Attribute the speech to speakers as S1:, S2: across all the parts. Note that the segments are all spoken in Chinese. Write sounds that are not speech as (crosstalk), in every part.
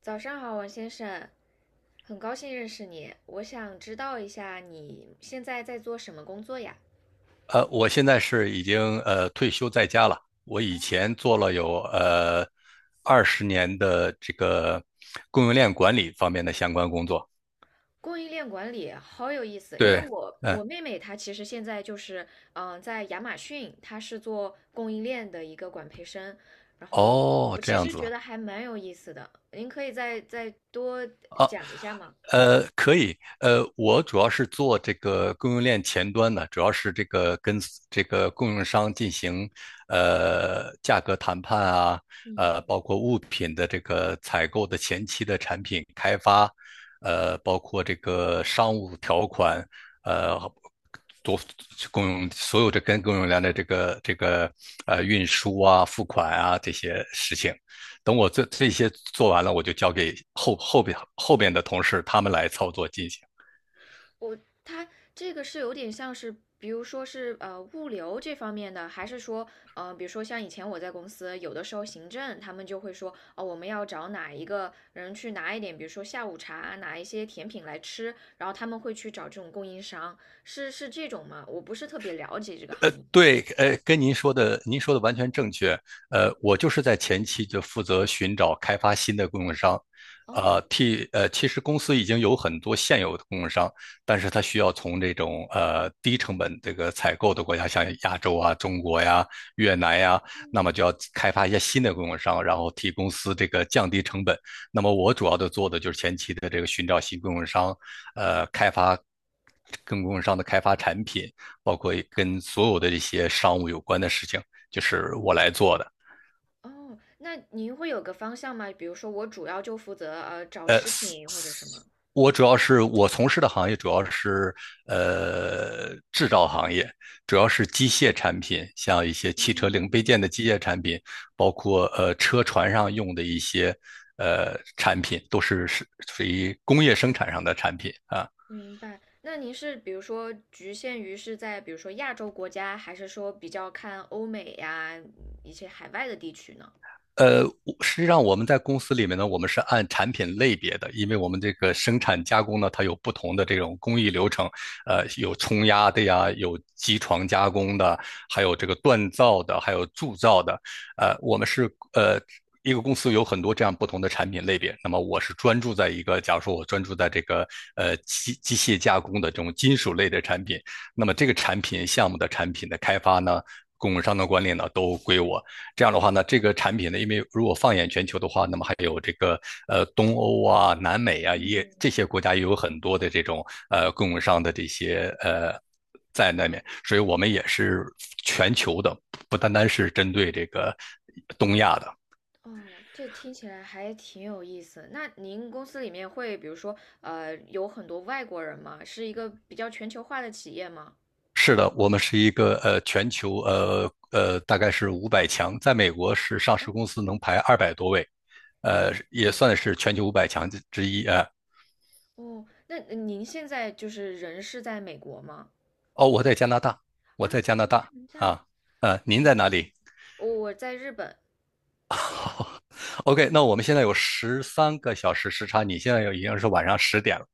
S1: 早上好，王先生，很高兴认识你。我想知道一下你现在在做什么工作呀？
S2: 我现在是已经退休在家了。我以前做了有20年的这个供应链管理方面的相关工作。
S1: 供应链管理好有意思，因为
S2: 对。
S1: 我
S2: 嗯。
S1: 我妹妹她其实现在就是在亚马逊，她是做供应链的一个管培生，然后
S2: 哦，
S1: 我
S2: 这
S1: 其
S2: 样
S1: 实
S2: 子。
S1: 觉得还蛮有意思的，您可以再多讲一下吗？
S2: 可以。我主要是做这个供应链前端的，主要是这个跟 这个供应商进行价格谈判啊，
S1: 嗯。
S2: 包括物品的这个采购的前期的产品开发，包括这个商务条款，呃，多供应所有的跟供应链的这个运输啊、付款啊这些事情。等我这些做完了，我就交给后边的同事他们来操作进行。
S1: 我它这个是有点像是，比如说是物流这方面的，还是说比如说像以前我在公司，有的时候行政他们就会说，哦，我们要找哪一个人去拿一点，比如说下午茶，拿一些甜品来吃，然后他们会去找这种供应商，是是这种吗？我不是特别了解这个行业。
S2: 对，跟您说的，您说的完全正确。我就是在前期就负责寻找开发新的供应商，
S1: 哦
S2: 替其实公司已经有很多现有的供应商，但是它需要从这种低成本这个采购的国家，像亚洲啊、中国呀、越南呀，那么就要开发一些新的供应商，然后替公司这个降低成本。那么我主要的做的就是前期的这个寻找新供应商，开发跟供应商的开发产品。包括跟所有的一些商务有关的事情，就是我来做的。
S1: 哦，那您会有个方向吗？比如说我主要就负责找
S2: 呃，
S1: 食品或者什么。
S2: 我主要是我从事的行业主要是制造行业，主要是机械产品，像一些汽车零配件
S1: 嗯，
S2: 的机械产品，包括车船上用的一些产品，都是属于工业生产上的产品啊。
S1: 明白，那您是比如说局限于是在比如说亚洲国家，还是说比较看欧美呀，一些海外的地区呢？
S2: 呃，实际上我们在公司里面呢，我们是按产品类别的，因为我们这个生产加工呢，它有不同的这种工艺流程，有冲压的呀，有机床加工的，还有
S1: 哦，
S2: 这个锻造的，还有铸造的。呃，我们是呃。一个公司有很多这样不同的产品类别，那么我是专注在一个，假如说我专注在这个机械加工的这种金属类的产品，那么这个产品项目的产品的开发呢，供应商的管理呢，都归我。这样的话呢，这个产品呢，因为如果放眼全球的话，那么还有这个东欧啊、南美啊，也这
S1: 嗯，
S2: 些国家也有很多的这种供应商的这些。在那面，所以我们也是全球的，不单单是针对这个东亚的。
S1: 哦，这听起来还挺有意思。那您公司里面会比如说有很多外国人吗？是一个比较全球化的企业吗？
S2: 是的，我们是一个全球大概是五百强，在美国是上
S1: 哦，
S2: 市公司能排200多位，
S1: 那
S2: 也
S1: 哦
S2: 算是全球五百强之一啊。
S1: 哦，那您现在就是人是在美国吗？
S2: 哦，我在加拿大，我
S1: 啊，
S2: 在加拿
S1: 加
S2: 大
S1: 拿大，
S2: 啊。您在哪
S1: 嗯，
S2: 里
S1: 我在日本。
S2: (laughs)？OK,那我们现在有13个小时时差，你现在有已经是晚上10点了。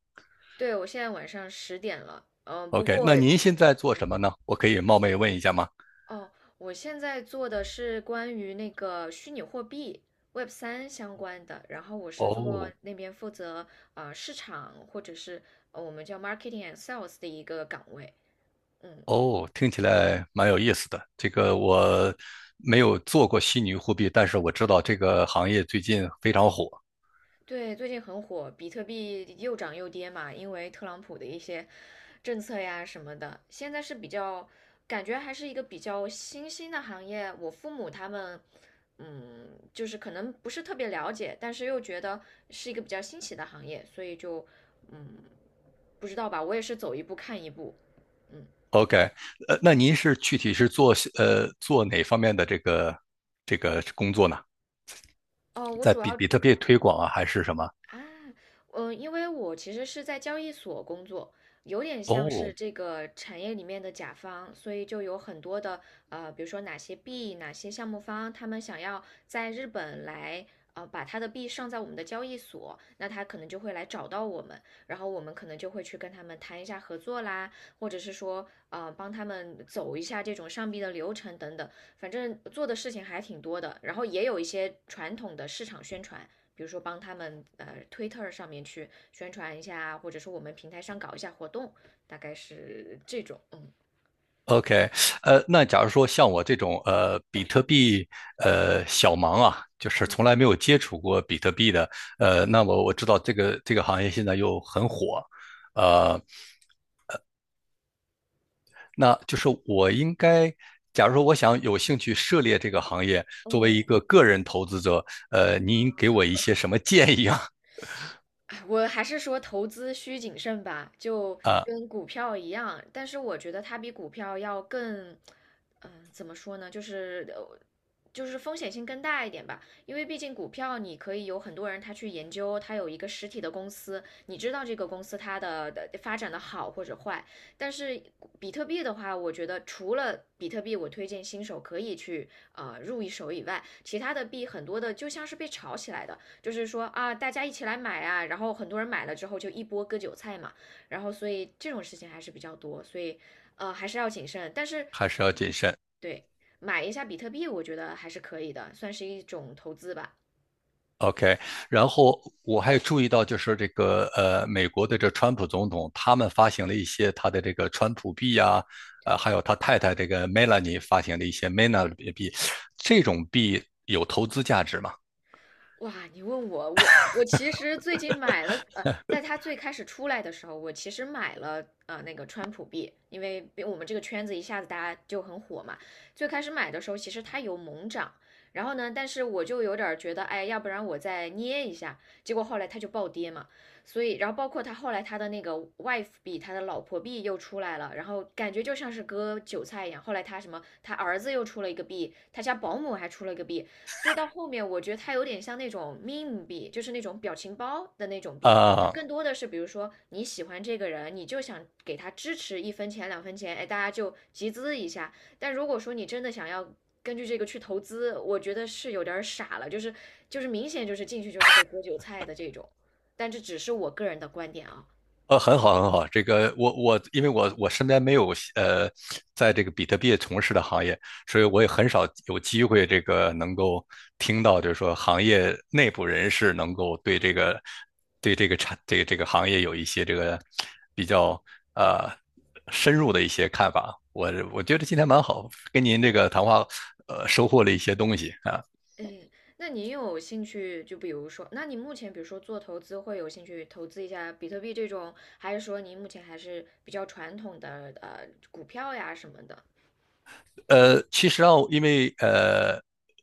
S1: 对，我现在晚上10点了，嗯，不
S2: OK,
S1: 过，
S2: 那您现在做
S1: 嗯
S2: 什么呢？我可以冒昧问一下吗？
S1: 哦，我现在做的是关于那个虚拟货币 Web3相关的，然后我是做
S2: 哦。
S1: 那边负责市场或者是我们叫 marketing and sales 的一个岗位，嗯，
S2: 哦，听起来蛮有意思的。这个我没有做过虚拟货币，但是我知道这个行业最近非常火。
S1: 对，最近很火，比特币又涨又跌嘛，因为特朗普的一些政策呀什么的，现在是比较感觉还是一个比较新兴的行业。我父母他们，嗯，就是可能不是特别了解，但是又觉得是一个比较新奇的行业，所以就嗯，不知道吧，我也是走一步看一步。嗯，
S2: OK,那您是具体是做做哪方面的这个工作呢？
S1: 哦，我
S2: 在
S1: 主
S2: 比
S1: 要
S2: 比特币推广啊，还是什么？
S1: 啊，嗯，因为我其实是在交易所工作，有点像
S2: 哦
S1: 是这个产业里面的甲方，所以就有很多的比如说哪些币、哪些项目方，他们想要在日本来把他的币上在我们的交易所，那他可能就会来找到我们，然后我们可能就会去跟他们谈一下合作啦，或者是说帮他们走一下这种上币的流程等等，反正做的事情还挺多的，然后也有一些传统的市场宣传。比如说帮他们推特上面去宣传一下，或者说我们平台上搞一下活动，大概是这种，嗯。
S2: ，OK,那假如说像我这种比特币小盲啊，就是从来没有接触过比特币的，那么我知道这个行业现在又很火，呃，那就是我应该，假如说我想有兴趣涉猎这个行业，作为
S1: 嗯。
S2: 一个个人投资者，您给我一些什么建议啊？(laughs)
S1: 哎，我还是说投资需谨慎吧，就跟股票一样，但是我觉得它比股票要更，怎么说呢，就是风险性更大一点吧，因为毕竟股票你可以有很多人他去研究，他有一个实体的公司，你知道这个公司它的发展的好或者坏，但是比特币的话，我觉得除了比特币，我推荐新手可以去入一手以外，其他的币很多的就像是被炒起来的，就是说啊，大家一起来买啊，然后很多人买了之后就一波割韭菜嘛，然后所以这种事情还是比较多，所以还是要谨慎。但是
S2: 还是要谨慎。
S1: 对，买一下比特币，我觉得还是可以的，算是一种投资吧。
S2: OK,然后我还注意到，就是美国的这川普总统，他们发行了一些他的这个川普币啊，
S1: 对。
S2: 还有他太太这个 Melanie 发行的一些 Mena 币，这种币有投资价值吗？
S1: 哇，你问我，我其实最近买了，在它最开始出来的时候，我其实买了那个川普币，因为我们这个圈子一下子大家就很火嘛。最开始买的时候，其实它有猛涨，然后呢，但是我就有点儿觉得，哎，要不然我再捏一下，结果后来它就暴跌嘛。所以，然后包括它后来它的那个 wife 币，它的老婆币又出来了，然后感觉就像是割韭菜一样。后来它什么，他儿子又出了一个币，他家保姆还出了一个币，所以到后面我觉得它有点像那种 meme 币，就是那种表情包的那种币，就
S2: 啊、
S1: 更多的是比如说你喜欢这个人，你就想给他支持一分钱两分钱，哎，大家就集资一下。但如果说你真的想要根据这个去投资，我觉得是有点儿傻了，就是明显就是进去就是被割韭菜的这种。但这只是我个人的观点啊。
S2: 很好，很好。这个我我，因为我身边没有呃，在这个比特币从事的行业，所以我也很少有机会这个能够听到，就是说行业内部人士能够对这个对这个这个行业有一些这个比较呃深入的一些看法。我觉得今天蛮好，跟您这个谈话收获了一些东西啊。
S1: 诶，那你有兴趣就比如说，那你目前比如说做投资会有兴趣投资一下比特币这种，还是说您目前还是比较传统的股票呀什么的？
S2: 其实啊，因为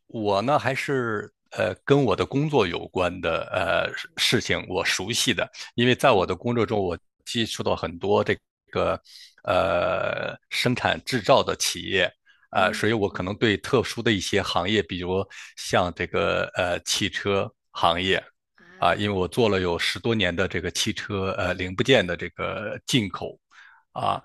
S2: 我呢还是跟我的工作有关的事情我熟悉的，因为在我
S1: 嗯
S2: 的工作中，我接触到很多个生产制造的企业。
S1: 嗯
S2: 所以我可能
S1: 嗯
S2: 对特殊的一些行业，比如像这个汽车行业啊、因为
S1: 啊
S2: 我做了有十多年的这个汽车零部件的这个进口啊，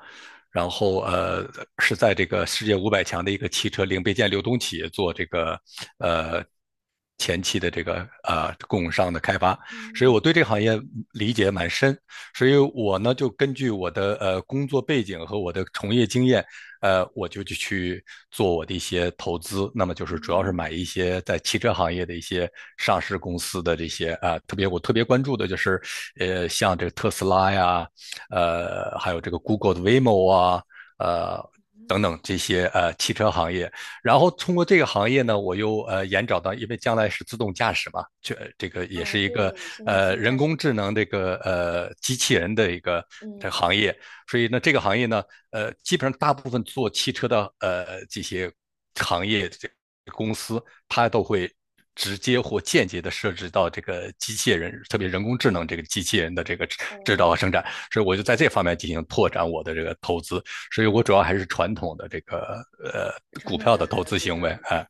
S2: 然后是在这个世界五百强的一个汽车零配件流通企业做这个呃前期的这个供应商的开发，所以我对这个行业理解蛮深，所以我呢就根据我的工作背景和我的从业经验，我就去做我的一些投资，那么就是主要是买一些在汽车行业的一些上市公司的这些啊、特别我特别关注的就是像这个特斯拉呀。还有这个 Google 的 Waymo 啊。呃。等
S1: 嗯
S2: 等这些汽车行业，然后通过这个行业呢，我又延找到，因为将来是自动驾驶嘛，这个也
S1: 哦，
S2: 是一个
S1: 对，现在自动驾
S2: 人
S1: 驶
S2: 工智
S1: 很
S2: 能这
S1: 火。
S2: 个机器人的一个这个
S1: 嗯
S2: 行业，所以呢这个行业呢，基本上大部分做汽车的这些行业这公司，它都会直接或间接的涉及到这个机器人，特别人工智能这个机器人的这个制造
S1: 哦，
S2: 和生产。所以我就在这方面进行拓展我的这个投资。所以我主要还是传统的这个呃
S1: 传
S2: 股
S1: 统
S2: 票
S1: 的
S2: 的投资
S1: 股
S2: 行
S1: 票
S2: 为
S1: 投资。
S2: 啊。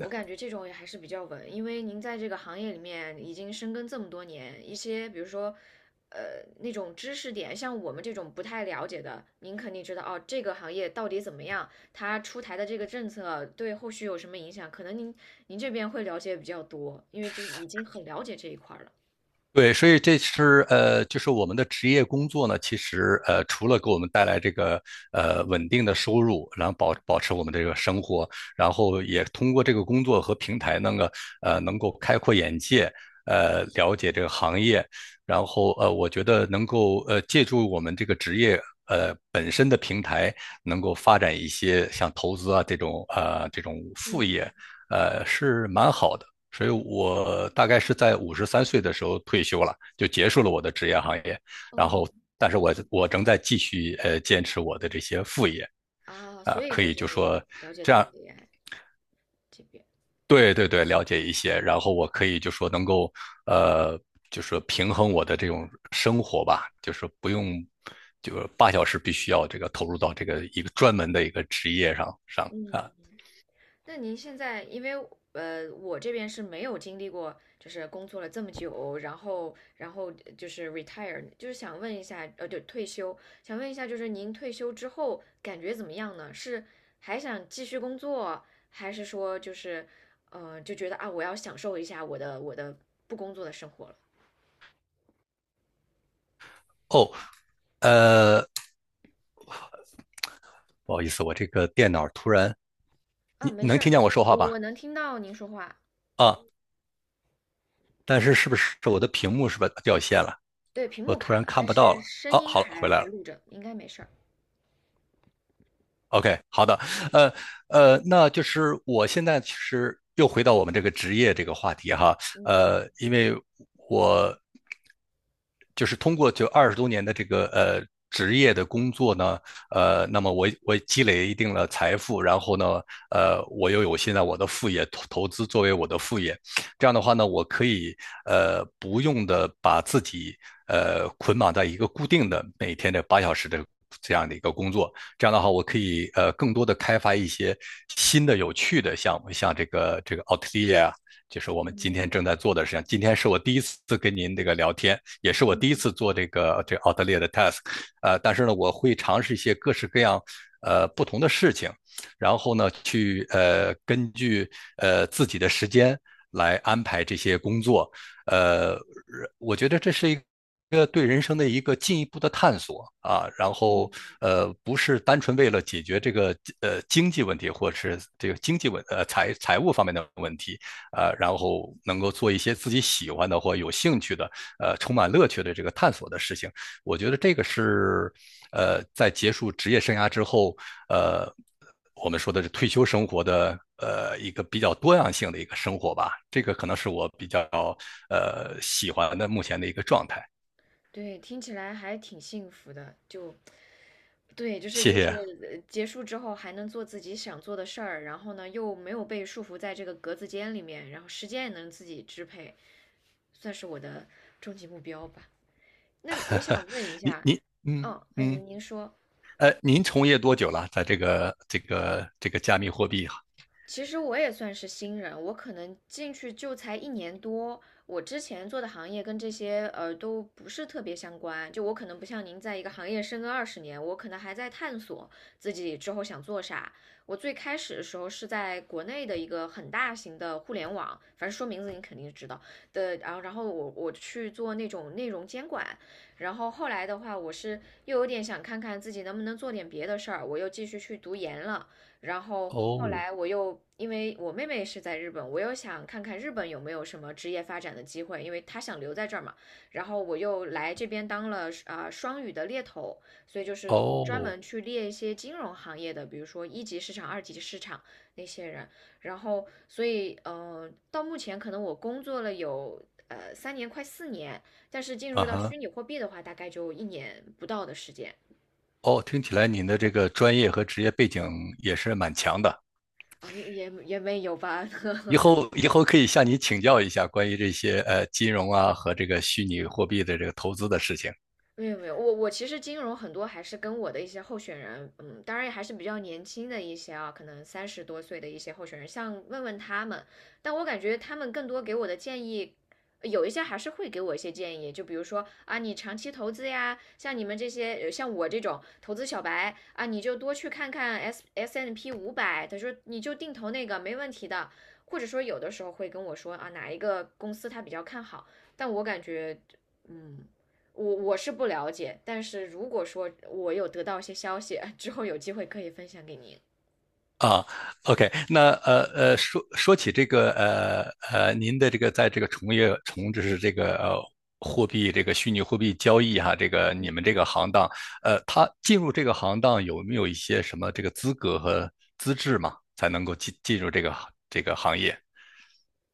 S1: 我感觉这种也还是比较稳，因为您在这个行业里面已经深耕这么多年，一些比如说，呃，那种知识点，像我们这种不太了解的，您肯定知道哦，这个行业到底怎么样，它出台的这个政策对后续有什么影响，可能您这边会了解比较多，因为就已经很了解这一块儿了
S2: 对，所以这是就是我们的职业工作呢，其实除了给我们带来这个稳定的收入，然后保持我们这个生活，然后也通过这个工作和平台那个能够开阔眼界，了解这个行业，然后我觉得能够借助我们这个职业本身的平台，能够发展一些像投资啊这种这种副
S1: 嗯，
S2: 业，是蛮好的。所以我大概是在53岁的时候退休了，就结束了我的职业行业。然
S1: 哦，
S2: 后，但是我仍在继续坚持我的这些副业。
S1: 啊，
S2: 啊，
S1: 所以
S2: 可
S1: 就
S2: 以
S1: 是
S2: 就
S1: 您
S2: 说
S1: 了解
S2: 这
S1: 到
S2: 样，
S1: 了 AI 这边，
S2: 对对对，了解一些。然后我可以就说能够呃，就是平衡我的这种生活吧，就是不用就是八小时必须要这个投入到这个一个专门的一个职业上
S1: 嗯。
S2: 啊。
S1: 那您现在，因为我这边是没有经历过，就是工作了这么久，然后就是 retire，就是想问一下，呃，对，退休，想问一下，就是您退休之后感觉怎么样呢？是还想继续工作，还是说就觉得啊，我要享受一下我的不工作的生活了？
S2: 哦，呃，不好意思，我这个电脑突然，你
S1: 啊，没
S2: 你能
S1: 事
S2: 听
S1: 儿，
S2: 见我说话吧？
S1: 我能听到您说话，
S2: 啊，但是是不是我的屏幕是不是掉线了？
S1: 对，屏
S2: 我
S1: 幕
S2: 突
S1: 卡
S2: 然
S1: 了，
S2: 看
S1: 但
S2: 不到
S1: 是
S2: 了。
S1: 声
S2: 哦，
S1: 音
S2: 好了，回
S1: 还
S2: 来
S1: 还
S2: 了。
S1: 录着，应该没事儿。
S2: OK,好的。呃那就是我现在其实又回到我们这个职业这个话题哈，因为我就是通过就20多年的这个职业的工作呢，那么我积累一定的财富，然后呢，我又有现在我的副业投资作为我的副业，这样的话呢，我可以不用的把自己捆绑在一个固定的每天的八小时的。这样的一个工作，这样的话，我可以更多的开发一些新的有趣的项目，像这个奥特利啊，就是我们今天正在
S1: 嗯
S2: 做的事情。今天是我第一次跟您这个聊天，也是我
S1: 嗯
S2: 第一
S1: 嗯
S2: 次
S1: 嗯
S2: 做这个奥特列的 task。但是呢，我会尝试一些各式各样不同的事情，然后呢，去根据自己的时间来安排这些工作。呃，我觉得这是一个，这个对人生的一个进一步的探索啊。然后不是单纯为了解决这个经济问题，或者是这个经济问呃财财务方面的问题。
S1: 嗯。
S2: 然后能够做一些自己喜欢的或有兴趣的，充满乐趣的这个探索的事情。我觉得这个是，在结束职业生涯之后，呃，我们说的是退休生活的，一个比较多样性的一个生活吧。这个
S1: 嗯
S2: 可能是我比较喜欢的目前的一个状态。
S1: 对，听起来还挺幸福的。就对，就是
S2: 谢
S1: 就是
S2: 谢
S1: 呃结束之后还能做自己想做的事儿，然后呢又没有被束缚在这个格子间里面，然后时间也能自己支配，算是我的终极目标吧。那你也想问一
S2: 您。
S1: 下，哦，那
S2: 嗯，
S1: 您说，
S2: 您从业多久了？在这个加密货币？
S1: 其实我也算是新人，我可能进去就才1年多。我之前做的行业跟这些都不是特别相关，就我可能不像您在一个行业深耕20年，我可能还在探索自己之后想做啥。我最开始的时候是在国内的一个很大型的互联网，反正说名字你肯定知道的，然后我去做那种内容监管，然后后来的话，我是又有点想看看自己能不能做点别的事儿，我又继续去读研了。然后后
S2: 哦
S1: 来我又因为我妹妹是在日本，我又想看看日本有没有什么职业发展的机会，因为她想留在这儿嘛。然后我又来这边当了双语的猎头，所以就是专
S2: 哦。
S1: 门去猎一些金融行业的，比如说1级市场、2级市场那些人。然后所以到目前可能我工作了有。3年快4年，但是进
S2: 啊
S1: 入到
S2: 哈。
S1: 虚拟货币的话，大概就一年不到的时间
S2: 哦，听起来您的这个专业和职业背景也是蛮强的。
S1: 啊，也没有吧，
S2: 以
S1: (laughs)
S2: 后以后可以向你请教一下关于这些金融啊和这个虚拟货币的这个投资的事情
S1: 没有没有，我其实金融很多还是跟我的一些候选人，嗯，当然也还是比较年轻的一些啊，可能30多岁的一些候选人，像问他们，但我感觉他们更多给我的建议，有一些还是会给我一些建议，就比如说啊，你长期投资呀，像你们这些像我这种投资小白啊，你就多去看看 S&P500，他说你就定投那个没问题的，或者说有的时候会跟我说啊，哪一个公司他比较看好，但我感觉。嗯，我是不了解，但是如果说我有得到一些消息 (laughs) 之后，有机会可以分享给您。
S2: 啊。OK，那说起这个您的这个在这个从业就是这个货币这个虚拟货币交易哈、这个你们这个行当。他进入这个行当有没有一些什么这个资格和资质嘛，才能够进入这个行业？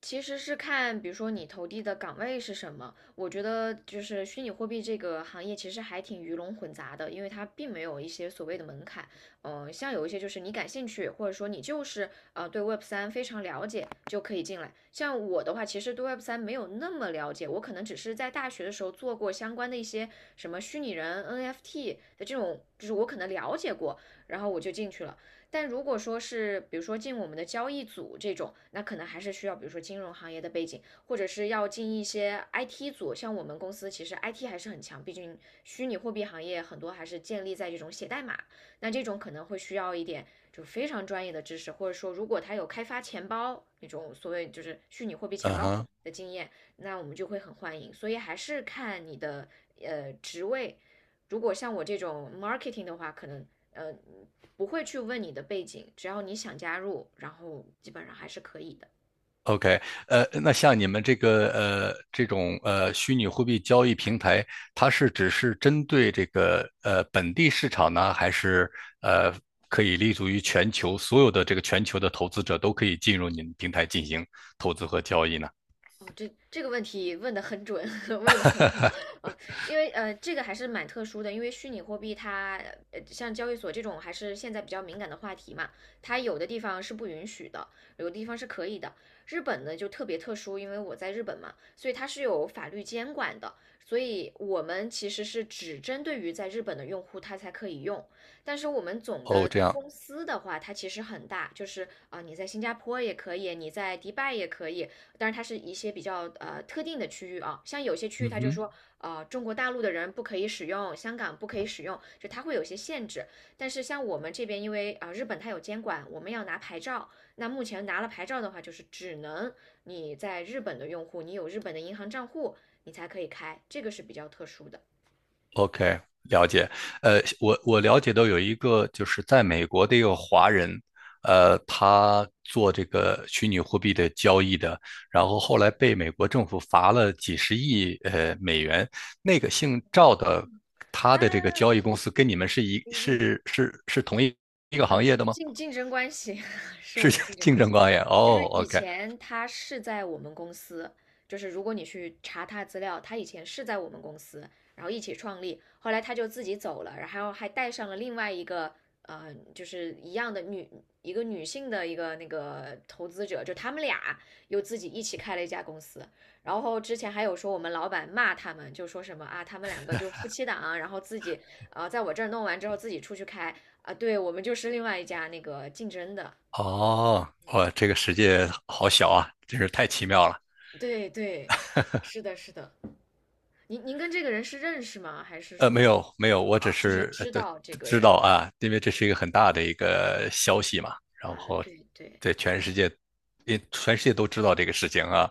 S1: 其实是看，比如说你投递的岗位是什么。我觉得就是虚拟货币这个行业其实还挺鱼龙混杂的，因为它并没有一些所谓的门槛。像有一些就是你感兴趣，或者说你就是对 Web 三非常了解就可以进来。像我的话，其实对 Web 三没有那么了解，我可能只是在大学的时候做过相关的一些什么虚拟人 NFT 的这种，就是我可能了解过，然后我就进去了。但如果说是比如说进我们的交易组这种，那可能还是需要比如说金融行业的背景，或者是要进一些 IT 组。像我们公司其实 IT 还是很强，毕竟虚拟货币行业很多还是建立在这种写代码。那这种可能会需要一点就非常专业的知识，或者说如果他有开发钱包那种所谓就是虚拟货币钱
S2: 嗯
S1: 包
S2: 哼。
S1: 的经验，那我们就会很欢迎。所以还是看你的职位。如果像我这种 marketing 的话，可能呃不会去问你的背景，只要你想加入，然后基本上还是可以的。
S2: OK。那像你们这个这种虚拟货币交易平台，它是只是针对这个本地市场呢，还是呃可以立足于全球所有的这个全球的投资者都可以进入你们平台进行投资和交易呢？
S1: 哦，这个问题问得很准，(laughs) 问得很好。呃，因为这个还是蛮特殊的，因为虚拟货币它像交易所这种还是现在比较敏感的话题嘛，它有的地方是不允许的，有的地方是可以的。日本呢就特别特殊，因为我在日本嘛，所以它是有法律监管的，所以我们其实是只针对于在日本的用户，它才可以用。但是我们总
S2: 哦，
S1: 的
S2: 这样。
S1: 公司的话，它其实很大，就是你在新加坡也可以，你在迪拜也可以，当然它是一些比较特定的区域啊，像有些区域
S2: 嗯
S1: 它就
S2: 哼。
S1: 说，中国大陆的人不可以使用，香港不可以使用，就它会有些限制。但是像我们这边，因为日本它有监管，我们要拿牌照，那目前拿了牌照的话，就是只能你在日本的用户，你有日本的银行账户，你才可以开，这个是比较特殊的。
S2: OK，了解。我了解到有一个就是在美国的一个华人。他做这个虚拟货币的交易的，然后后来被美国政府罚了几十亿美元。那个姓赵的，他
S1: 啊
S2: 的这个交易公司跟你们是一
S1: ，easy，
S2: 是是是同一一个行业的吗？
S1: 竞争关系 (laughs) 是
S2: 是
S1: 我们竞
S2: (laughs)
S1: 争
S2: 竞
S1: 关
S2: 争
S1: 系。
S2: 关系？
S1: 就是
S2: 哦
S1: 以
S2: ，OK。
S1: 前他是在我们公司，就是如果你去查他资料，他以前是在我们公司，然后一起创立，后来他就自己走了，然后还带上了另外一个就是一样的女一个女性的一个那个投资者，就他们俩又自己一起开了一家公司，然后之前还有说我们老板骂他们，就说什么啊，他们两个就夫妻档，然后自己在我这儿弄完之后自己出去开啊，对我们就是另外一家那个竞争的。
S2: 哦，哇，这个世界好小啊，真是太奇妙了。
S1: 对对，是的，是的。您您跟这个人是认识吗？还是说，
S2: 没有没有，我只
S1: 啊，就是
S2: 是
S1: 知
S2: 对。
S1: 道这个
S2: 知
S1: 人？
S2: 道啊，因
S1: 嗯
S2: 为这是一个很大的一个消息嘛，然
S1: 啊，
S2: 后
S1: 对对，
S2: 在全世界，也全世界都知道这个事情啊。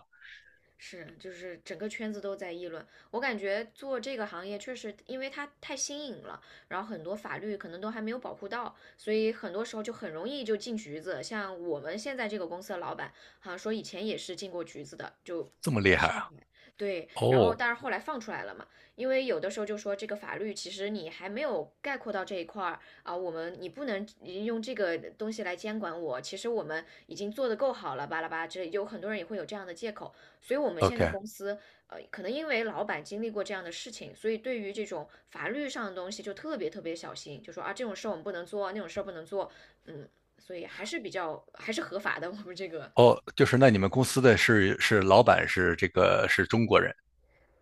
S1: 是，就是整个圈子都在议论。我感觉做这个行业确实，因为它太新颖了，然后很多法律可能都还没有保护到，所以很多时候就很容易就进局子。像我们现在这个公司的老板，好像说以前也是进过局子的，就
S2: 这么厉
S1: 在
S2: 害
S1: 上海。
S2: 啊！
S1: 对，然后
S2: 哦
S1: 但是后来放出来了嘛，因为有的时候就说这个法律其实你还没有概括到这一块儿啊，我们你不能用这个东西来监管我，其实我们已经做得够好了，巴拉巴拉之类，有很多人也会有这样的借口。所以我们现在
S2: ，OK。
S1: 公司，可能因为老板经历过这样的事情，所以对于这种法律上的东西就特别小心，就说啊，这种事儿我们不能做，那种事儿不能做，嗯，所以还是比较还是合法的。(laughs) 我们这个，
S2: 哦，就是那你们公司的是老板是这个是中国人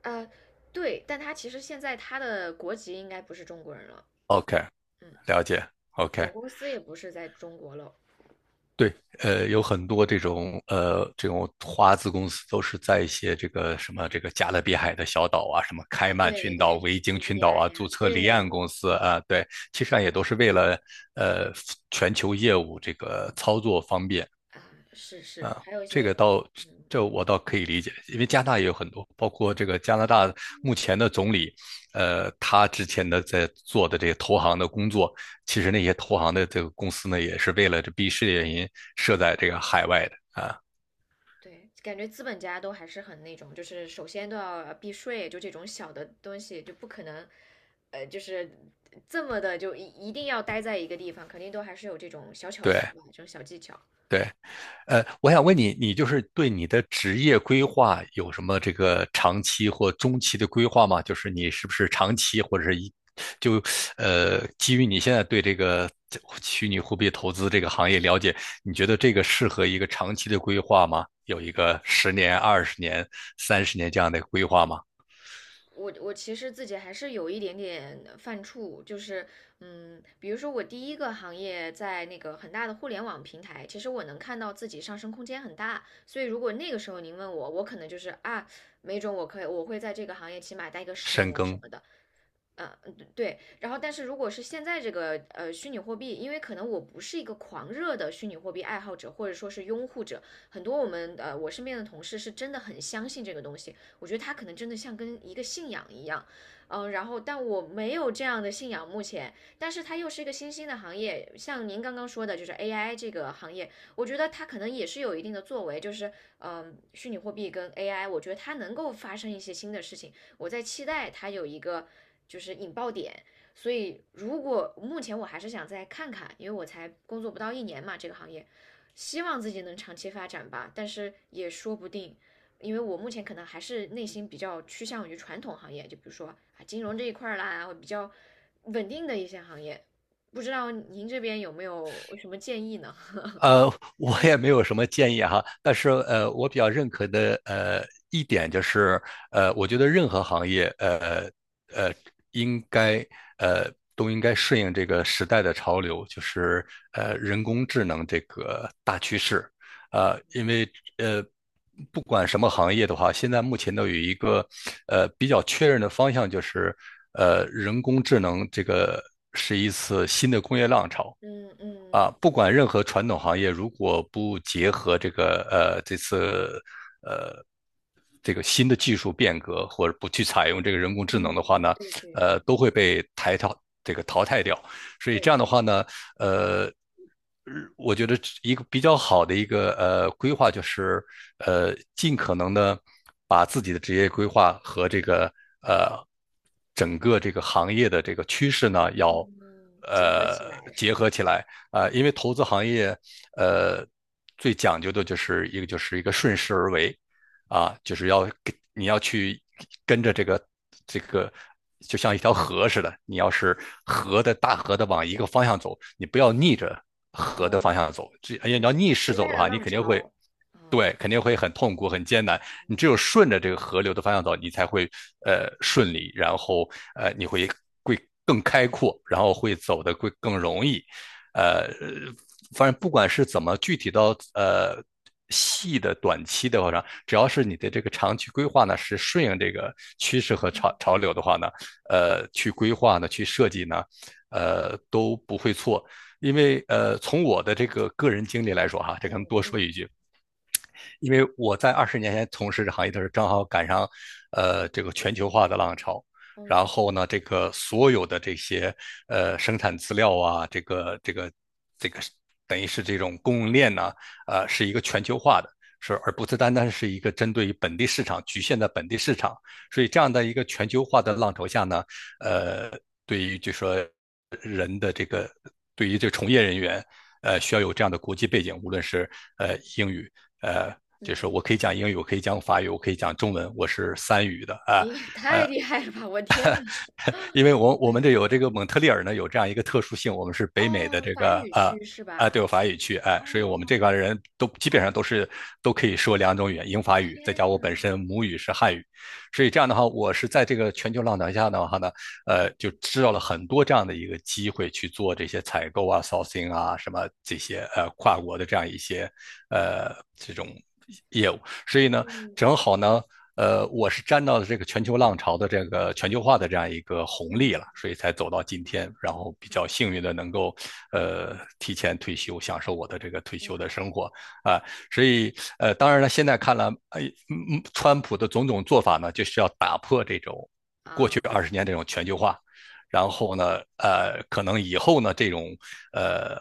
S1: 呃，对，但他其实现在他的国籍应该不是中国人了，
S2: ，OK，
S1: 嗯，
S2: 了解。OK。
S1: 总公司也不是在中国了
S2: 对。有很多这种这种华资公司都是在一些这个什么这个加勒比海的小岛啊，什么开
S1: 啊，
S2: 曼
S1: 对
S2: 群岛、
S1: 对，什么
S2: 维京
S1: b b
S2: 群岛
S1: i
S2: 啊，
S1: 呀，
S2: 注册离岸
S1: 对，
S2: 公司啊。对，其实
S1: 是
S2: 上也
S1: 的，
S2: 都
S1: 是
S2: 是为了呃全球业务这个操作方便。
S1: 的啊，是是，还有一
S2: 这个
S1: 些，
S2: 倒
S1: 嗯。
S2: 这我倒可以理解，因为加拿大也有很多，包括这个加拿
S1: 嗯
S2: 大目前的总理，他之前的在做的这个投行的工作，其实那些投行的这个公司呢，也是为了这避税原因设在这个海外的。
S1: 对，感觉资本家都还是很那种，就是首先都要避税，就这种小的东西就不可能，就是这么的就一定要待在一个地方，肯定都还是有这种小巧思
S2: 对
S1: 吧，这种小技巧。
S2: 对。我想问你，你就是对你的职业规划有什么这个长期或中期的规划吗？就是你是不是长期或者是一就呃，基于你现在对这个虚拟货币投资这个行业了解，你觉得这个适合一个长期的规划吗？有一个十年、二十年、30年这样的规划吗？
S1: 我其实自己还是有一点点犯怵，就是嗯，比如说我第一个行业在那个很大的互联网平台，其实我能看到自己上升空间很大，所以如果那个时候您问我，我可能就是啊，没准我可以我会在这个行业起码待个十
S2: 深
S1: 年什
S2: 耕。
S1: 么的。嗯对对，然后但是如果是现在这个虚拟货币，因为可能我不是一个狂热的虚拟货币爱好者或者说是拥护者，很多我们我身边的同事是真的很相信这个东西，我觉得他可能真的像跟一个信仰一样，然后但我没有这样的信仰目前，但是它又是一个新兴的行业，像您刚刚说的，就是 AI 这个行业，我觉得它可能也是有一定的作为，就是虚拟货币跟 AI，我觉得它能够发生一些新的事情。我在期待它有一个就是引爆点。所以，如果目前我还是想再看看，因为我才工作不到一年嘛，这个行业，希望自己能长期发展吧。但是也说不定，因为我目前可能还是内心比较趋向于传统行业，就比如说啊金融这一块儿啦，比较稳定的一些行业。不知道您这边有没有什么建议呢？
S2: 呃，我也没有什么建议哈。但是我比较认可的一点就是，我觉得任何行业，呃，应该呃都应该顺应这个时代的潮流，就是人工智能这个大趋势。因为呃不管什么行业的话，现在目前都有一个比较确认的方向，就是人工智能这个
S1: 嗯
S2: 啊，
S1: 嗯
S2: 不管任何传统行业，如果不结合这个这次这个新的技术变革，或者不去采用这个人工智能的话
S1: 嗯，
S2: 呢，
S1: 对对对
S2: 都会被抬到这个淘汰掉。所以这样
S1: 对，
S2: 的话呢，呃，我觉得一个比较好的一个规划就是，尽可能的把自己的职业规划和这个呃整个这个行业的这个趋势呢，要
S1: 嗯，结合起来是
S2: 结
S1: 吗？
S2: 合起来。啊、
S1: 嗯
S2: 因为投资行业呃最讲究的就是一个顺势而为。啊，就是要跟你要去跟着这个，就像一条河似的，你要是大河的往一个方向走，你不要逆着河的方
S1: 嗯。
S2: 向走。这你要
S1: 对，
S2: 逆势
S1: 时
S2: 走
S1: 代
S2: 的
S1: 的
S2: 话，你
S1: 浪
S2: 肯定会。
S1: 潮，嗯，
S2: 对，肯定会很痛苦、很艰难。你只有顺着这个河流的方向走，你才会顺
S1: 嗯
S2: 利。然后你会更开阔，然后走得更容易。呃，反正不管是怎么具体到细的短期的话呢，只要是你的这个长期规划呢是顺应这个趋势和潮流的话呢，去规划呢，去设计呢，都不会错。因为从我的这个个人经历来说哈，这可
S1: 嗯
S2: 能多
S1: 嗯
S2: 说一句，因为我在20年前从事这行业的时候，正好赶上这个全球化的浪潮。然
S1: 嗯
S2: 后呢，这个所有的这些生产资料啊，这个等于是这种供应链呢，是一个全球化的，不是单单是一个针对于本地市场，局限在本地市场。所以这样的一个全球化的浪潮下呢，呃，对于就说对于这个从业人员，需要有这样的国际背景，无论是英语，呃，就是
S1: 嗯，
S2: 我可以讲
S1: 对，
S2: 英语，我可以讲法语，我可以讲中文，我是
S1: 哇，
S2: 三语的。
S1: 你也 (laughs) 太厉害了吧！我天呐，
S2: 因为我们这有这个蒙特利尔呢有这样一个特殊性。我们是北美的
S1: 哦，
S2: 这
S1: 法
S2: 个
S1: 语区是
S2: 啊，
S1: 吧？
S2: 对，法语区哎、啊所以
S1: 哦，
S2: 我们这块人都基本上都是都可以说两种语言，英法语，再加
S1: 天
S2: 我
S1: 呐，
S2: 本身母语是汉语。所以这样的话，我是在这个全球浪潮下的话呢，就
S1: 嗯
S2: 知道了很多这样的一个机会去做这些采购啊、sourcing 啊什么这些跨国的这样一些这种业务。所以呢，
S1: 嗯
S2: 正好呢，我是沾到了这个全球浪潮的这个全球化的这样一个红利
S1: 嗯
S2: 了，所以才走到今天，然后比较幸
S1: 啊
S2: 运的能够提前退休，享受我的这个退休的
S1: 哇
S2: 生活啊。所以当然了，现在看来，哎，川普的种种做法呢，就是要打破这种过去
S1: 啊
S2: 二十年这种全球化。然后呢，可能以后呢，这种呃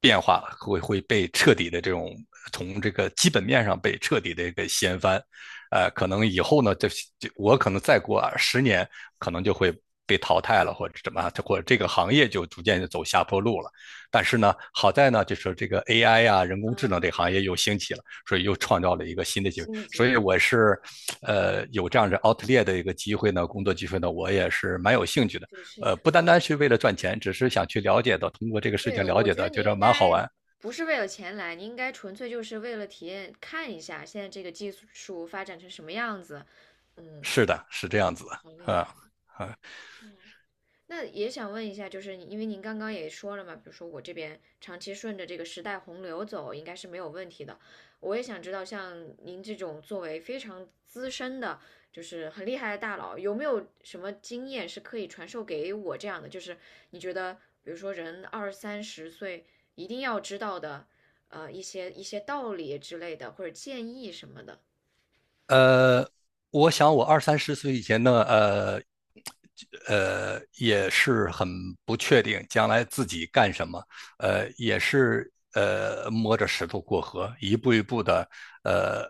S2: 变化会被彻底的这种从这个基本面上被彻底的给掀翻。可能以后呢，这我可能再过十年，可能就会被淘汰了，或者怎么，或者这个行业就逐渐就走下坡路了。但是呢，好在呢，就是这个 AI 啊，人工智能
S1: 啊！
S2: 这个行业又兴起了，所以又创造了一个新的机会。
S1: 新的
S2: 所
S1: 机
S2: 以
S1: 会
S2: 我是，有这样子 OUTL 的一个机会呢，工作机会呢，我也是蛮有兴趣的。
S1: 就是
S2: 不单单
S1: 哦，
S2: 是为了赚钱，只是想去了解到，通过这个事
S1: 对，
S2: 情了
S1: 我
S2: 解
S1: 觉
S2: 的，
S1: 得你
S2: 觉得
S1: 应
S2: 蛮好
S1: 该
S2: 玩。
S1: 不是为了钱来，你应该纯粹就是为了体验，看一下现在这个技术发展成什么样子。嗯，
S2: 是的，是这
S1: 哦，
S2: 样子的
S1: 好厉害。
S2: 啊啊。
S1: 嗯那也想问一下，就是你，因为您刚刚也说了嘛，比如说我这边长期顺着这个时代洪流走，应该是没有问题的。我也想知道，像您这种作为非常资深的，就是很厉害的大佬，有没有什么经验是可以传授给我这样的？就是你觉得，比如说人二三十岁一定要知道的，一些道理之类的，或者建议什么的，
S2: 呃，我想我二三十岁以前呢，也是很不确定将来自己干什么，呃也是摸着石头过河，一步一步的呃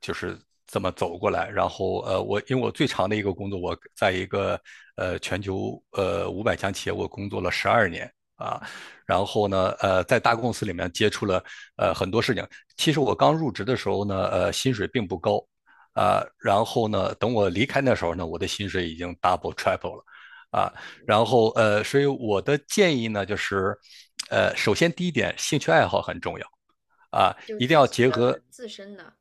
S2: 就是这么走过来。然后我因为我最长的一个工作，我在一个全球500强企业我工作了12年。啊，然后呢，在大公司里面接触了很多事情。其实我刚入职的时候呢，薪水并不高，啊，然后呢，等我离开那时候呢，我的薪水已经 double triple 了。啊，然后所以我的建议呢，就是首先第一点，兴趣爱好很重要。啊，
S1: 就
S2: 一定
S1: 自
S2: 要
S1: 己
S2: 结合。
S1: 的自身的，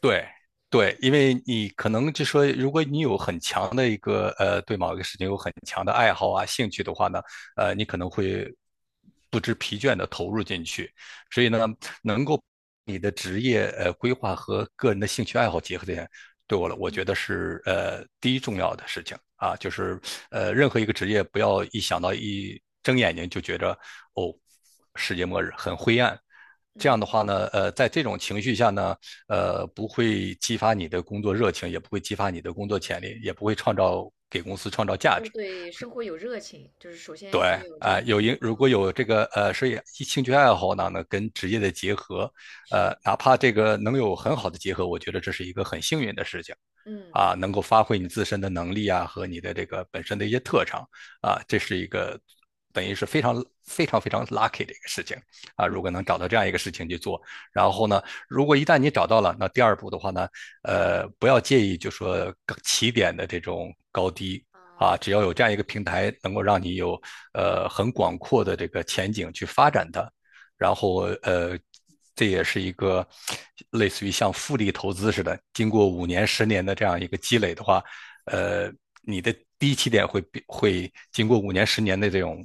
S2: 对，对，因为你可能就说，如果你有很强的一个对某一个事情有很强的爱好啊、兴趣的话呢，你可能会不知疲倦的投入进去。所以呢，能够你的职业规划和个人的兴趣爱好结合起来，对我了，我觉得是第一重要的事情啊，就是任何一个职业，不要一想到一睁眼睛就觉着哦，世界末日很灰暗。这样的
S1: 嗯，
S2: 话呢，在这种情绪下呢，不会激发你的工作热情，也不会激发你的工作潜力，也不会创造给公司创造价
S1: 要
S2: 值。
S1: 对生活有热情，就是首
S2: 对，
S1: 先要有
S2: 啊、
S1: 这
S2: 呃
S1: 个。
S2: 有一如
S1: 嗯，
S2: 果有这个所以兴趣爱好呢，跟职业的结合，
S1: 是，
S2: 哪怕这个能有很好的结合，我觉得这是一个很幸运的事情，
S1: 嗯，
S2: 啊，能够发
S1: 是
S2: 挥你
S1: 的，
S2: 自身的能力啊和你的这个本身的一些特长啊，这是一个等于是非常非常非常 lucky 的一个事情啊。
S1: 嗯，
S2: 如果能找
S1: 是的，
S2: 到这样一个事情去做，然后呢，如果一旦你找到了，那第二步的话呢，不要介意就说起点的这种高低啊，
S1: 嗯，
S2: 只要有这样一个平台，能够让你有很广阔的这个前景去发展它，然后这也是一个类似于像复利投资似的，经过五年、十年的这样一个积累的话，呃，你的低起点会经过五年、十年的这种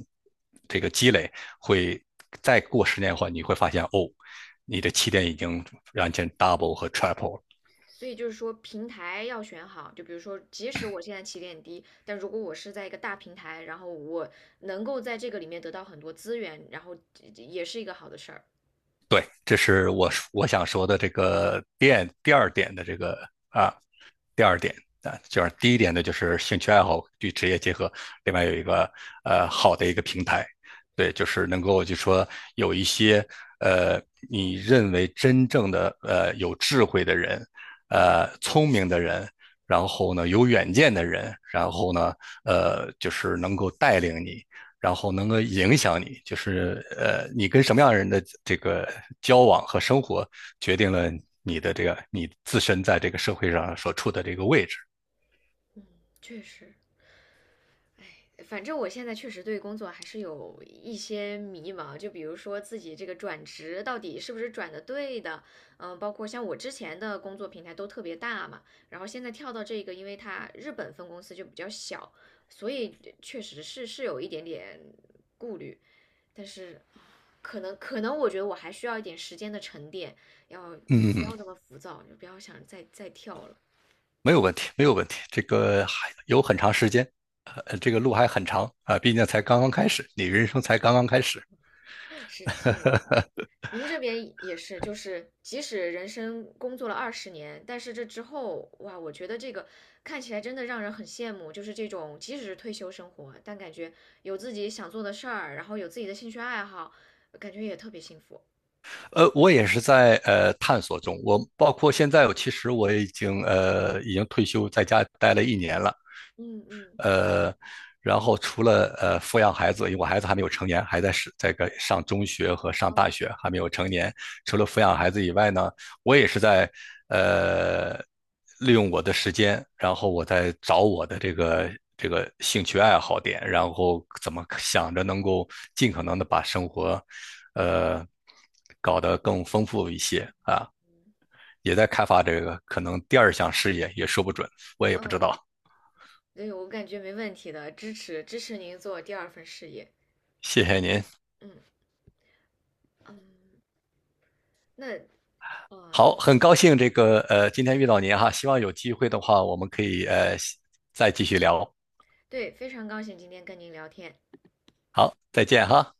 S2: 这个积累，会再过10年的话，你会发现哦，你的起点已经完全 double 和 triple 了。
S1: 所以就是说平台要选好，就比如说，即使我现在起点低，但如果我是在一个大平台，然后我能够在这个里面得到很多资源，然后这也是一个好的事儿。
S2: 对，这是我想说的这个点第二点的这个啊，第二点啊，就是第一点呢，就是兴趣爱好与职业结合，另外有一个好的一个平台，对，就是能够就说有一些呃你认为真正的有智慧的人，
S1: 嗯
S2: 聪明的人。然后呢，有远见的人，然后呢，就是能够带领你，然后能够影响你，就是你跟什么样的人的这个交往和生活，决定了你的这个你自身在这个社会上所处的这个位置。
S1: 嗯，确实。反正我现在确实对工作还是有一些迷茫，就比如说自己这个转职到底是不是转的对的，嗯，包括像我之前的工作平台都特别大嘛，然后现在跳到这个，因为它日本分公司就比较小，所以确实是是有一点点顾虑，但是可能我觉得我还需要一点时间的沉淀，要不
S2: 嗯，
S1: 要那么浮躁，就不要想再跳了。
S2: 没有问题，没有问题。这个还有很长时间，这个路还很长啊、毕竟才刚刚开始，你人生才刚刚开始。
S1: (laughs) 是，谢谢您。您这边也是，就是即使人生工作了20年，但是这之后，哇，我觉得这个看起来真的让人很羡慕，就是这种即使是退休生活，但感觉有自己想做的事儿，然后有自己的兴趣爱好，感觉也特别幸福。
S2: 我也是在探索中，我包括现在，我其实我已经已经退休，在家待了1年了。
S1: 嗯嗯
S2: 呃，然后除了抚养孩子，因为我孩子还没有成年，还在是这个上中学和上
S1: 哦
S2: 大学，还没有成年。除了抚养孩子以外呢，我也是在呃利用我的时间，然后我在找我的这个兴趣爱好点，然后怎么想着能够尽可能的把生活，呃，搞得更丰富一些啊，也在开发这个可能第二项事业，也说不准，我也不知
S1: 哦，
S2: 道。
S1: 对，我感觉没问题的，支持您做第二份事业。
S2: 谢谢您。
S1: 嗯嗯，那哦
S2: 好，很高兴这个今天遇到您哈，希望有机会的话，我们可以再继续聊。
S1: 对，非常高兴今天跟您聊天。
S2: 好，再见哈。